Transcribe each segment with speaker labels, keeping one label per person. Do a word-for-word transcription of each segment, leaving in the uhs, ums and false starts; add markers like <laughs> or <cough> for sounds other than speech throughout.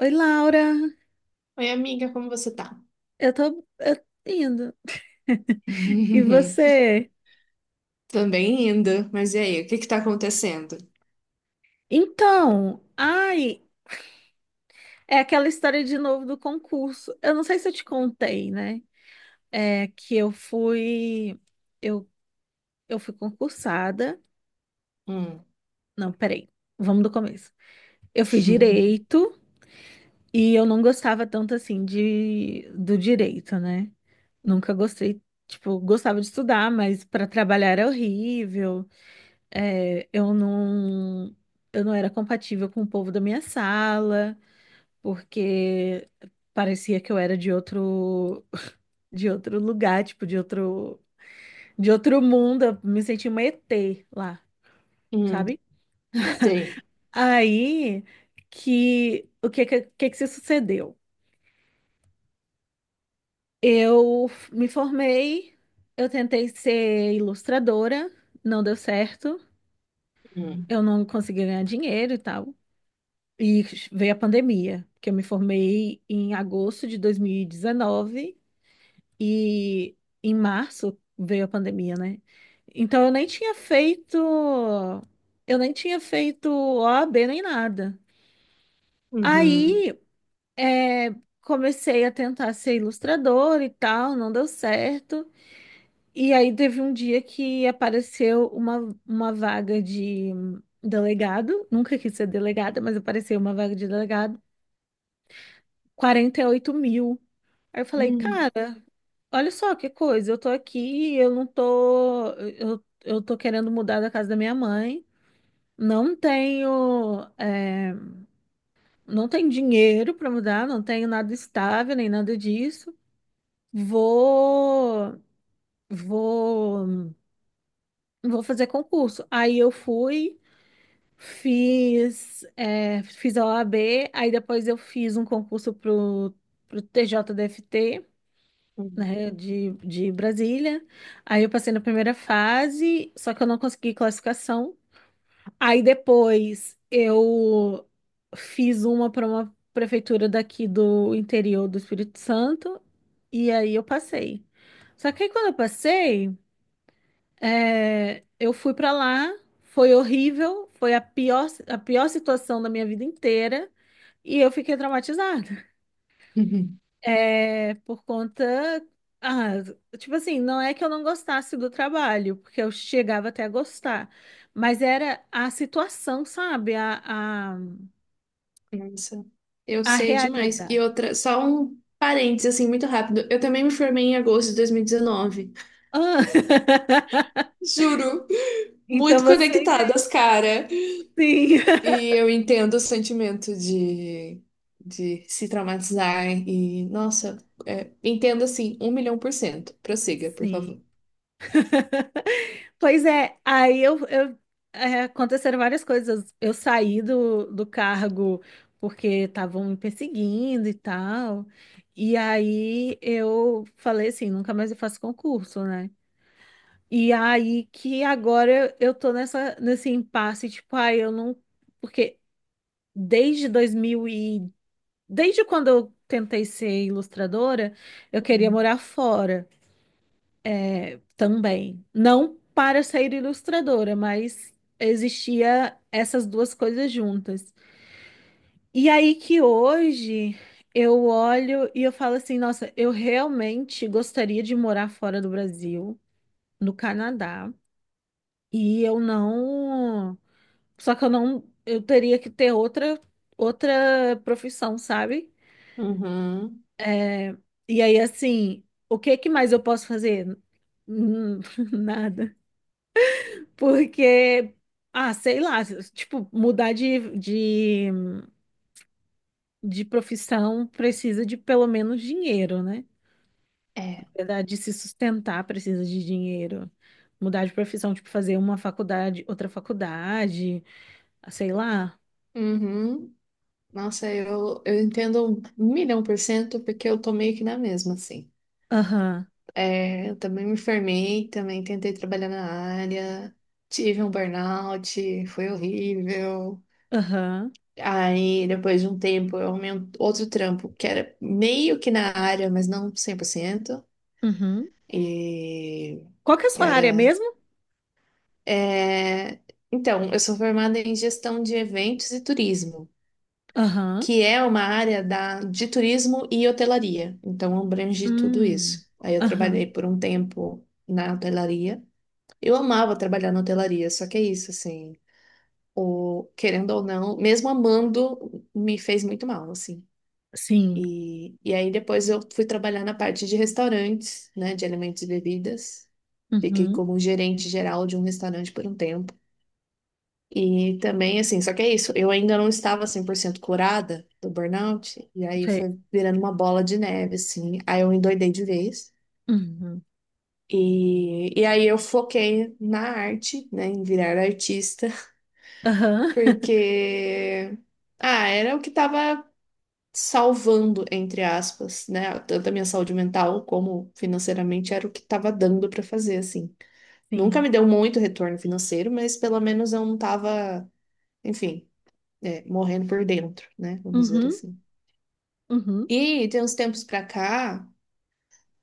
Speaker 1: Oi, Laura.
Speaker 2: Oi, amiga, como você tá?
Speaker 1: Eu tô, eu tô indo. E
Speaker 2: <laughs>
Speaker 1: você?
Speaker 2: Também indo, mas e aí, o que que tá acontecendo?
Speaker 1: Então, ai, é aquela história de novo do concurso. Eu não sei se eu te contei, né? É que eu fui, eu, eu fui concursada.
Speaker 2: Hum,
Speaker 1: Não, peraí. Vamos do começo. Eu fiz
Speaker 2: <laughs>
Speaker 1: direito e eu não gostava tanto assim de do direito, né? Nunca gostei, tipo, gostava de estudar, mas para trabalhar era horrível. É, eu não, eu não era compatível com o povo da minha sala, porque parecia que eu era de outro, <laughs> de outro lugar, tipo, de outro, de outro mundo. Eu me sentia uma E T lá,
Speaker 2: hum,
Speaker 1: sabe?
Speaker 2: sei.
Speaker 1: Aí que o que que, que que se sucedeu? Eu f- me formei, eu tentei ser ilustradora, não deu certo,
Speaker 2: Hum,
Speaker 1: eu não consegui ganhar dinheiro e tal. E veio a pandemia, que eu me formei em agosto de dois mil e dezenove e em março veio a pandemia, né? Então eu nem tinha feito, eu nem tinha feito O A B nem nada.
Speaker 2: uhum,
Speaker 1: Aí é, comecei a tentar ser ilustradora e tal, não deu certo. E aí teve um dia que apareceu uma, uma vaga de delegado, nunca quis ser delegada, mas apareceu uma vaga de delegado. Quarenta e oito mil. Aí eu falei,
Speaker 2: hum,
Speaker 1: cara, olha só que coisa, eu tô aqui, eu não tô, eu, eu tô querendo mudar da casa da minha mãe, não tenho, é, não tenho dinheiro para mudar, não tenho nada estável, nem nada disso. Vou, vou, Vou fazer concurso. Aí eu fui, fiz, é, fiz a O A B, aí depois eu fiz um concurso pro, pro T J D F T.
Speaker 2: uhum,
Speaker 1: Né, de, de Brasília. Aí eu passei na primeira fase, só que eu não consegui classificação. Aí depois eu fiz uma para uma prefeitura daqui do interior do Espírito Santo, e aí eu passei. Só que aí quando eu passei, é, eu fui para lá, foi horrível, foi a pior, a pior situação da minha vida inteira, e eu fiquei traumatizada.
Speaker 2: uhum.
Speaker 1: É, por conta. Ah, tipo assim, não é que eu não gostasse do trabalho, porque eu chegava até a gostar, mas era a situação, sabe? A, a,
Speaker 2: Nossa, eu
Speaker 1: a
Speaker 2: sei demais. E
Speaker 1: realidade.
Speaker 2: outra, só um parênteses, assim, muito rápido. Eu também me formei em agosto de dois mil e dezenove.
Speaker 1: Ah, <laughs>
Speaker 2: <laughs> Juro,
Speaker 1: então
Speaker 2: muito
Speaker 1: você
Speaker 2: conectadas,
Speaker 1: entende.
Speaker 2: cara.
Speaker 1: Sim. <laughs>
Speaker 2: E eu entendo o sentimento de, de se traumatizar e, nossa, é, entendo assim, um milhão por cento. Prossiga, por
Speaker 1: Sim.
Speaker 2: favor.
Speaker 1: <laughs> Pois é, aí eu, eu- é, aconteceram várias coisas. Eu saí do, do cargo porque estavam me perseguindo e tal. E aí eu falei assim, nunca mais eu faço concurso, né? E aí que agora eu tô nessa, nesse impasse, tipo, ai, eu não. Porque desde dois mil e. Desde quando eu tentei ser ilustradora, eu queria
Speaker 2: Hum.
Speaker 1: morar fora. É, também. Não para ser ilustradora, mas existia essas duas coisas juntas. E aí que hoje eu olho e eu falo assim, nossa, eu realmente gostaria de morar fora do Brasil, no Canadá, e eu não, só que eu não, eu teria que ter outra outra profissão, sabe?
Speaker 2: Uhum.
Speaker 1: É, e aí assim, o que que mais eu posso fazer? Hum, <laughs> nada. Porque, ah, sei lá, tipo, mudar de, de, de profissão precisa de pelo menos dinheiro, né? Na
Speaker 2: É.
Speaker 1: verdade, de se sustentar precisa de dinheiro. Mudar de profissão, tipo, fazer uma faculdade, outra faculdade, ah, sei lá.
Speaker 2: Uhum. Nossa, eu, eu entendo um milhão por cento porque eu tô meio que na mesma, assim.
Speaker 1: Aham,
Speaker 2: É, eu também me formei, também tentei trabalhar na área, tive um burnout, foi horrível.
Speaker 1: aham,
Speaker 2: Aí, depois de um tempo, eu arrumei um outro trampo que era meio que na área, mas não cem por cento.
Speaker 1: uhum.
Speaker 2: E
Speaker 1: Qual que é a
Speaker 2: que
Speaker 1: sua
Speaker 2: era.
Speaker 1: área mesmo?
Speaker 2: É. Então, eu sou formada em gestão de eventos e turismo,
Speaker 1: Aham,
Speaker 2: que é uma área da de turismo e hotelaria. Então, abrange tudo
Speaker 1: hum,
Speaker 2: isso. Aí, eu
Speaker 1: aham,
Speaker 2: trabalhei por um tempo na hotelaria. Eu amava trabalhar na hotelaria, só que é isso, assim. O... Querendo ou não, mesmo amando, me fez muito mal, assim.
Speaker 1: sim,
Speaker 2: E, e aí depois eu fui trabalhar na parte de restaurantes, né, de alimentos e bebidas. Fiquei
Speaker 1: uhum,
Speaker 2: como gerente geral de um restaurante por um tempo. E também, assim, só que é isso, eu ainda não estava cem por cento curada do burnout, e aí
Speaker 1: sei,
Speaker 2: foi virando uma bola de neve, assim. Aí eu endoidei de vez.
Speaker 1: uhum,
Speaker 2: E, e aí eu foquei na arte, né, em virar artista, <laughs>
Speaker 1: aham, <laughs>
Speaker 2: porque, ah, era o que estava salvando, entre aspas, né? Tanto a minha saúde mental como financeiramente era o que estava dando para fazer, assim. Nunca
Speaker 1: sim,
Speaker 2: me deu muito retorno financeiro, mas pelo menos eu não estava, enfim, é, morrendo por dentro, né? Vamos dizer
Speaker 1: uhum,
Speaker 2: assim.
Speaker 1: uhum,
Speaker 2: E tem uns tempos pra cá,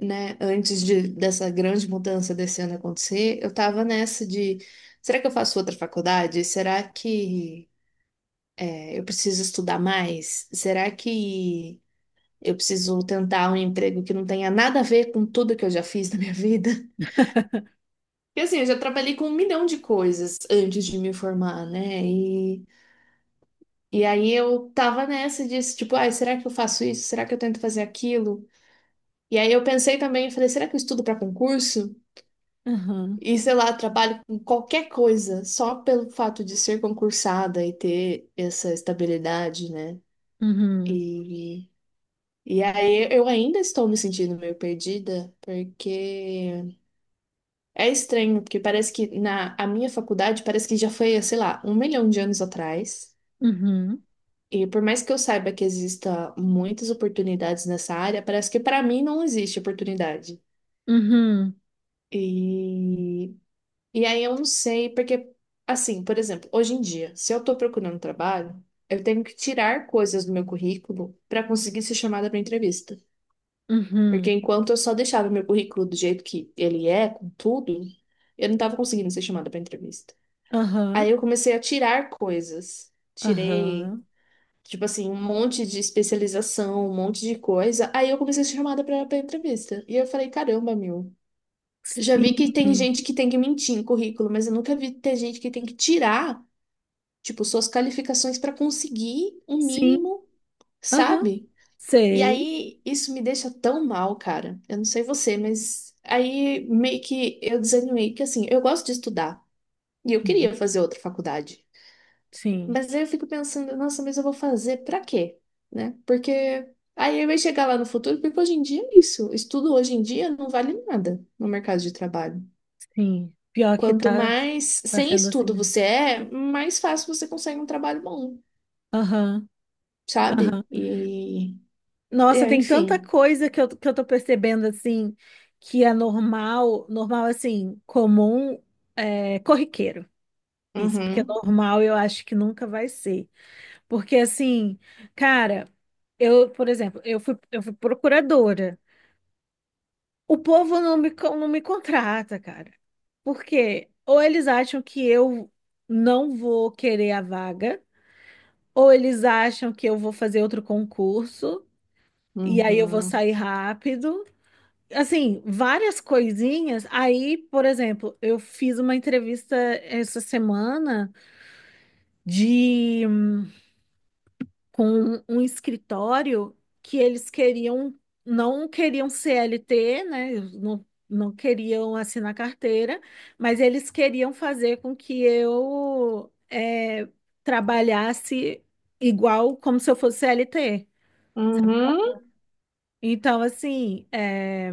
Speaker 2: né? Antes de, dessa grande mudança desse ano acontecer, eu tava nessa de. Será que eu faço outra faculdade? Será que é, eu preciso estudar mais? Será que eu preciso tentar um emprego que não tenha nada a ver com tudo que eu já fiz na minha vida. <laughs> Porque assim, eu já trabalhei com um milhão de coisas antes de me formar, né? E, e aí eu tava nessa disso, tipo, ai, será que eu faço isso? Será que eu tento fazer aquilo? E aí eu pensei também, eu falei, será que eu estudo para concurso?
Speaker 1: aham,
Speaker 2: E sei lá, trabalho com qualquer coisa, só pelo fato de ser concursada e ter essa estabilidade, né?
Speaker 1: uhum.
Speaker 2: E, e aí eu ainda estou me sentindo meio perdida, porque é estranho, porque parece que na a minha faculdade parece que já foi, sei lá, um milhão de anos atrás.
Speaker 1: Uhum,
Speaker 2: E por mais que eu saiba que exista muitas oportunidades nessa área, parece que para mim não existe oportunidade.
Speaker 1: uhum,
Speaker 2: E, e aí eu não sei, porque, assim, por exemplo, hoje em dia, se eu estou procurando trabalho, eu tenho que tirar coisas do meu currículo para conseguir ser chamada para entrevista. Porque
Speaker 1: uhum,
Speaker 2: enquanto eu só deixava o meu currículo do jeito que ele é, com tudo, eu não estava conseguindo ser chamada para entrevista.
Speaker 1: aham,
Speaker 2: Aí eu comecei a tirar coisas. Tirei,
Speaker 1: aham,
Speaker 2: tipo assim, um monte de especialização, um monte de coisa. Aí eu comecei a ser chamada pra, pra entrevista. E eu falei, caramba, meu. Eu já vi que tem
Speaker 1: sim,
Speaker 2: gente que tem que mentir em currículo, mas eu nunca vi ter gente que tem que tirar, tipo, suas qualificações pra conseguir um
Speaker 1: sim,
Speaker 2: mínimo,
Speaker 1: aham,
Speaker 2: sabe? E
Speaker 1: sei,
Speaker 2: aí isso me deixa tão mal, cara. Eu não sei você, mas aí meio que eu desanimei, que assim, eu gosto de estudar. E eu
Speaker 1: uhum,
Speaker 2: queria fazer outra faculdade.
Speaker 1: sim,
Speaker 2: Mas aí eu fico pensando, nossa, mas eu vou fazer pra quê? Né? Porque aí vai chegar lá no futuro, porque hoje em dia é isso. Estudo hoje em dia não vale nada no mercado de trabalho.
Speaker 1: sim, pior que
Speaker 2: Quanto
Speaker 1: tá,
Speaker 2: mais
Speaker 1: tá
Speaker 2: sem
Speaker 1: sendo assim
Speaker 2: estudo
Speaker 1: mesmo,
Speaker 2: você é, mais fácil você consegue um trabalho bom,
Speaker 1: aham, aham,
Speaker 2: sabe? E,
Speaker 1: nossa,
Speaker 2: é,
Speaker 1: tem tanta
Speaker 2: enfim.
Speaker 1: coisa que eu, que eu tô percebendo, assim, que é normal, normal, assim, comum, é, corriqueiro, isso, porque
Speaker 2: Uhum,
Speaker 1: normal eu acho que nunca vai ser. Porque assim, cara, eu, por exemplo, eu fui, eu fui procuradora. O povo não me, con- não me contrata, cara. Por quê? Ou eles acham que eu não vou querer a vaga, ou eles acham que eu vou fazer outro concurso e aí eu vou
Speaker 2: uhum,
Speaker 1: sair rápido. Assim, várias coisinhas. Aí, por exemplo, eu fiz uma entrevista essa semana com um escritório que eles queriam, não queriam C L T, né? Não, não queriam assinar carteira, mas eles queriam fazer com que eu eh, trabalhasse igual como se eu fosse C L T.
Speaker 2: uhum.
Speaker 1: Então, assim, eh,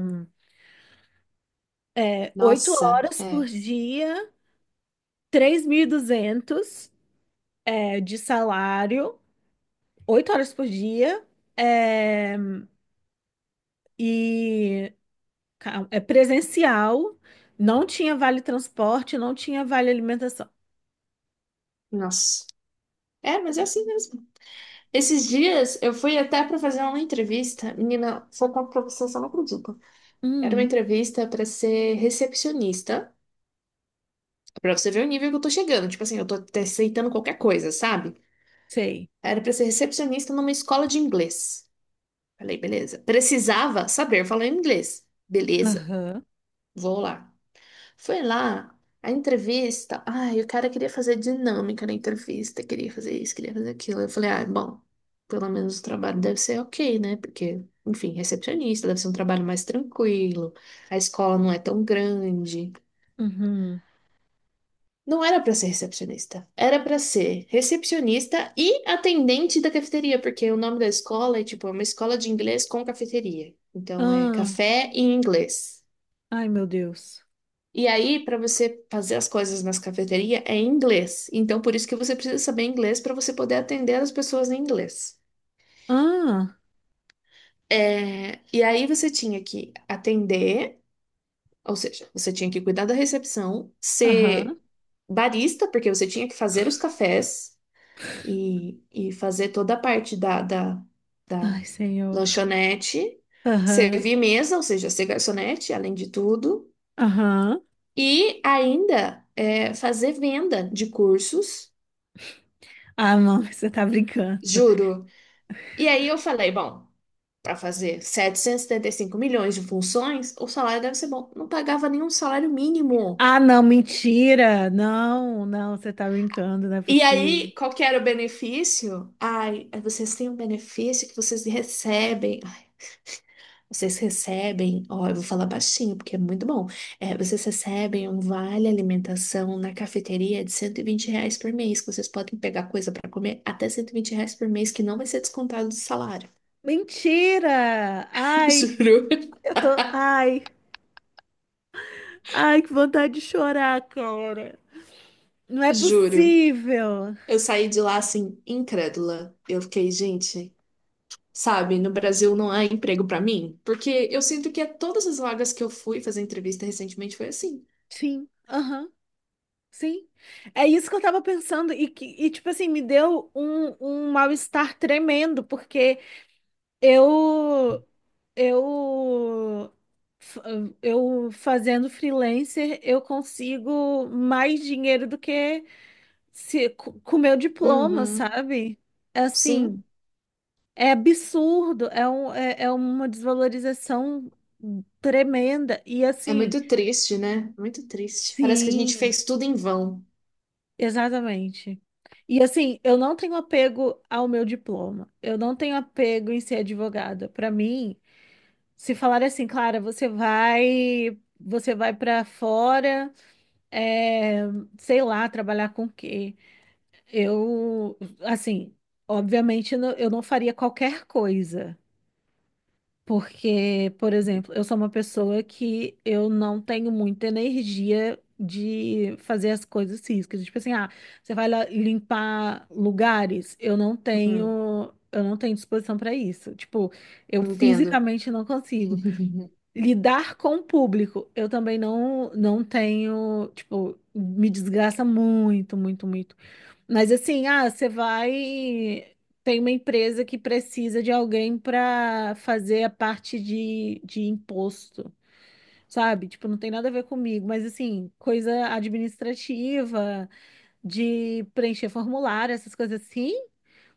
Speaker 1: oito
Speaker 2: Nossa,
Speaker 1: horas por
Speaker 2: é,
Speaker 1: dia, três mil e duzentos eh, de salário, oito horas por dia, eh, e ca- é presencial, não tinha vale transporte, não tinha vale alimentação.
Speaker 2: nossa. É, mas é assim mesmo. Esses dias eu fui até pra fazer uma entrevista. Menina, se eu conto pra você, você não acredita. Era uma
Speaker 1: Hum,
Speaker 2: entrevista pra ser recepcionista. Pra você ver o nível que eu tô chegando. Tipo assim, eu tô até aceitando qualquer coisa, sabe?
Speaker 1: sei.
Speaker 2: Era pra ser recepcionista numa escola de inglês. Falei, beleza. Precisava saber falar inglês. Beleza,
Speaker 1: Aham.
Speaker 2: vou lá. Foi lá, a entrevista. Ai, o cara queria fazer dinâmica na entrevista, queria fazer isso, queria fazer aquilo. Eu falei, ah, bom, pelo menos o trabalho deve ser ok, né? Porque, enfim, recepcionista deve ser um trabalho mais tranquilo, a escola não é tão grande.
Speaker 1: Uhum.
Speaker 2: Não era para ser recepcionista, era para ser recepcionista e atendente da cafeteria, porque o nome da escola é tipo é uma escola de inglês com cafeteria. Então é
Speaker 1: Ah,
Speaker 2: café em inglês.
Speaker 1: ai, meu Deus.
Speaker 2: E aí, para você fazer as coisas nas cafeterias é em inglês. Então por isso que você precisa saber inglês para você poder atender as pessoas em inglês.
Speaker 1: Ah,
Speaker 2: É, e aí você tinha que atender, ou seja, você tinha que cuidar da recepção,
Speaker 1: aham.
Speaker 2: ser barista, porque você tinha que fazer os cafés e, e fazer toda a parte da, da, da
Speaker 1: Ai, Senhor.
Speaker 2: lanchonete,
Speaker 1: Aham.
Speaker 2: servir mesa, ou seja, ser garçonete, além de tudo,
Speaker 1: Aham.
Speaker 2: e ainda é, fazer venda de cursos,
Speaker 1: Ah, não, <laughs> você tá brincando.
Speaker 2: juro. E aí eu falei, bom, para fazer setecentos e setenta e cinco milhões de funções, o salário deve ser bom. Não pagava nenhum salário mínimo.
Speaker 1: Ah, não, mentira. Não, não, você tá brincando, não é
Speaker 2: E
Speaker 1: possível.
Speaker 2: aí, qual que era o benefício? Ai, vocês têm um benefício que vocês recebem. Vocês recebem, ó, eu vou falar baixinho porque é muito bom. É, vocês recebem um vale alimentação na cafeteria de cento e vinte reais por mês, que vocês podem pegar coisa para comer até cento e vinte reais por mês, que não vai ser descontado do salário.
Speaker 1: Mentira!
Speaker 2: <laughs>
Speaker 1: Ai,
Speaker 2: Juro.
Speaker 1: eu tô.
Speaker 2: <laughs>
Speaker 1: Ai, ai, que vontade de chorar, cara. Não é
Speaker 2: Juro.
Speaker 1: possível.
Speaker 2: Eu saí de lá assim, incrédula. Eu fiquei, gente, sabe, no Brasil não há emprego para mim? Porque eu sinto que a todas as vagas que eu fui fazer entrevista recentemente foi assim.
Speaker 1: Sim, aham, sim. É isso que eu tava pensando e que e, tipo assim, me deu um, um mal-estar tremendo, porque eu eu f- eu fazendo freelancer, eu consigo mais dinheiro do que se co- com meu diploma,
Speaker 2: Uhum.
Speaker 1: sabe?
Speaker 2: Sim.
Speaker 1: Assim, é absurdo, é um, é, é uma desvalorização tremenda e
Speaker 2: É
Speaker 1: assim,
Speaker 2: muito triste, né? Muito triste. Parece que a gente
Speaker 1: sim.
Speaker 2: fez tudo em vão.
Speaker 1: Exatamente. E assim, eu não tenho apego ao meu diploma. Eu não tenho apego em ser advogada. Para mim, se falar assim, Clara, você vai, você vai para fora, é, sei lá, trabalhar com o quê? Eu, assim, obviamente, não- eu não faria qualquer coisa. Porque, por exemplo, eu sou uma pessoa que eu não tenho muita energia de fazer as coisas físicas. Tipo assim, ah, você vai lá limpar lugares, eu não
Speaker 2: Hum,
Speaker 1: tenho, eu não tenho disposição para isso. Tipo, eu
Speaker 2: entendo.
Speaker 1: fisicamente não consigo.
Speaker 2: <laughs>
Speaker 1: Lidar com o público, eu também não, não tenho, tipo, me desgraça muito, muito, muito. Mas assim, ah, você vai. Tem uma empresa que precisa de alguém para fazer a parte de, de imposto, sabe? Tipo, não tem nada a ver comigo, mas assim, coisa administrativa, de preencher formulário, essas coisas assim.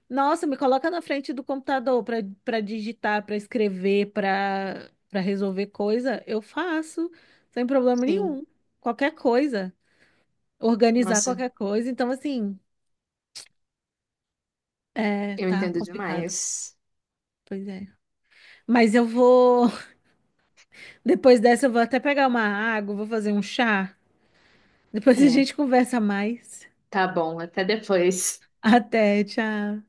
Speaker 1: Nossa, me coloca na frente do computador para para digitar, para escrever, para para resolver coisa, eu faço, sem problema
Speaker 2: Sim.
Speaker 1: nenhum. Qualquer coisa, organizar
Speaker 2: Nossa,
Speaker 1: qualquer coisa. Então, assim, é,
Speaker 2: eu
Speaker 1: tá
Speaker 2: entendo
Speaker 1: complicado.
Speaker 2: demais.
Speaker 1: Pois é. Mas eu vou. <laughs> Depois dessa, eu vou até pegar uma água, vou fazer um chá. Depois a
Speaker 2: É,
Speaker 1: gente <laughs> conversa mais.
Speaker 2: tá bom, até depois.
Speaker 1: Até, tchau.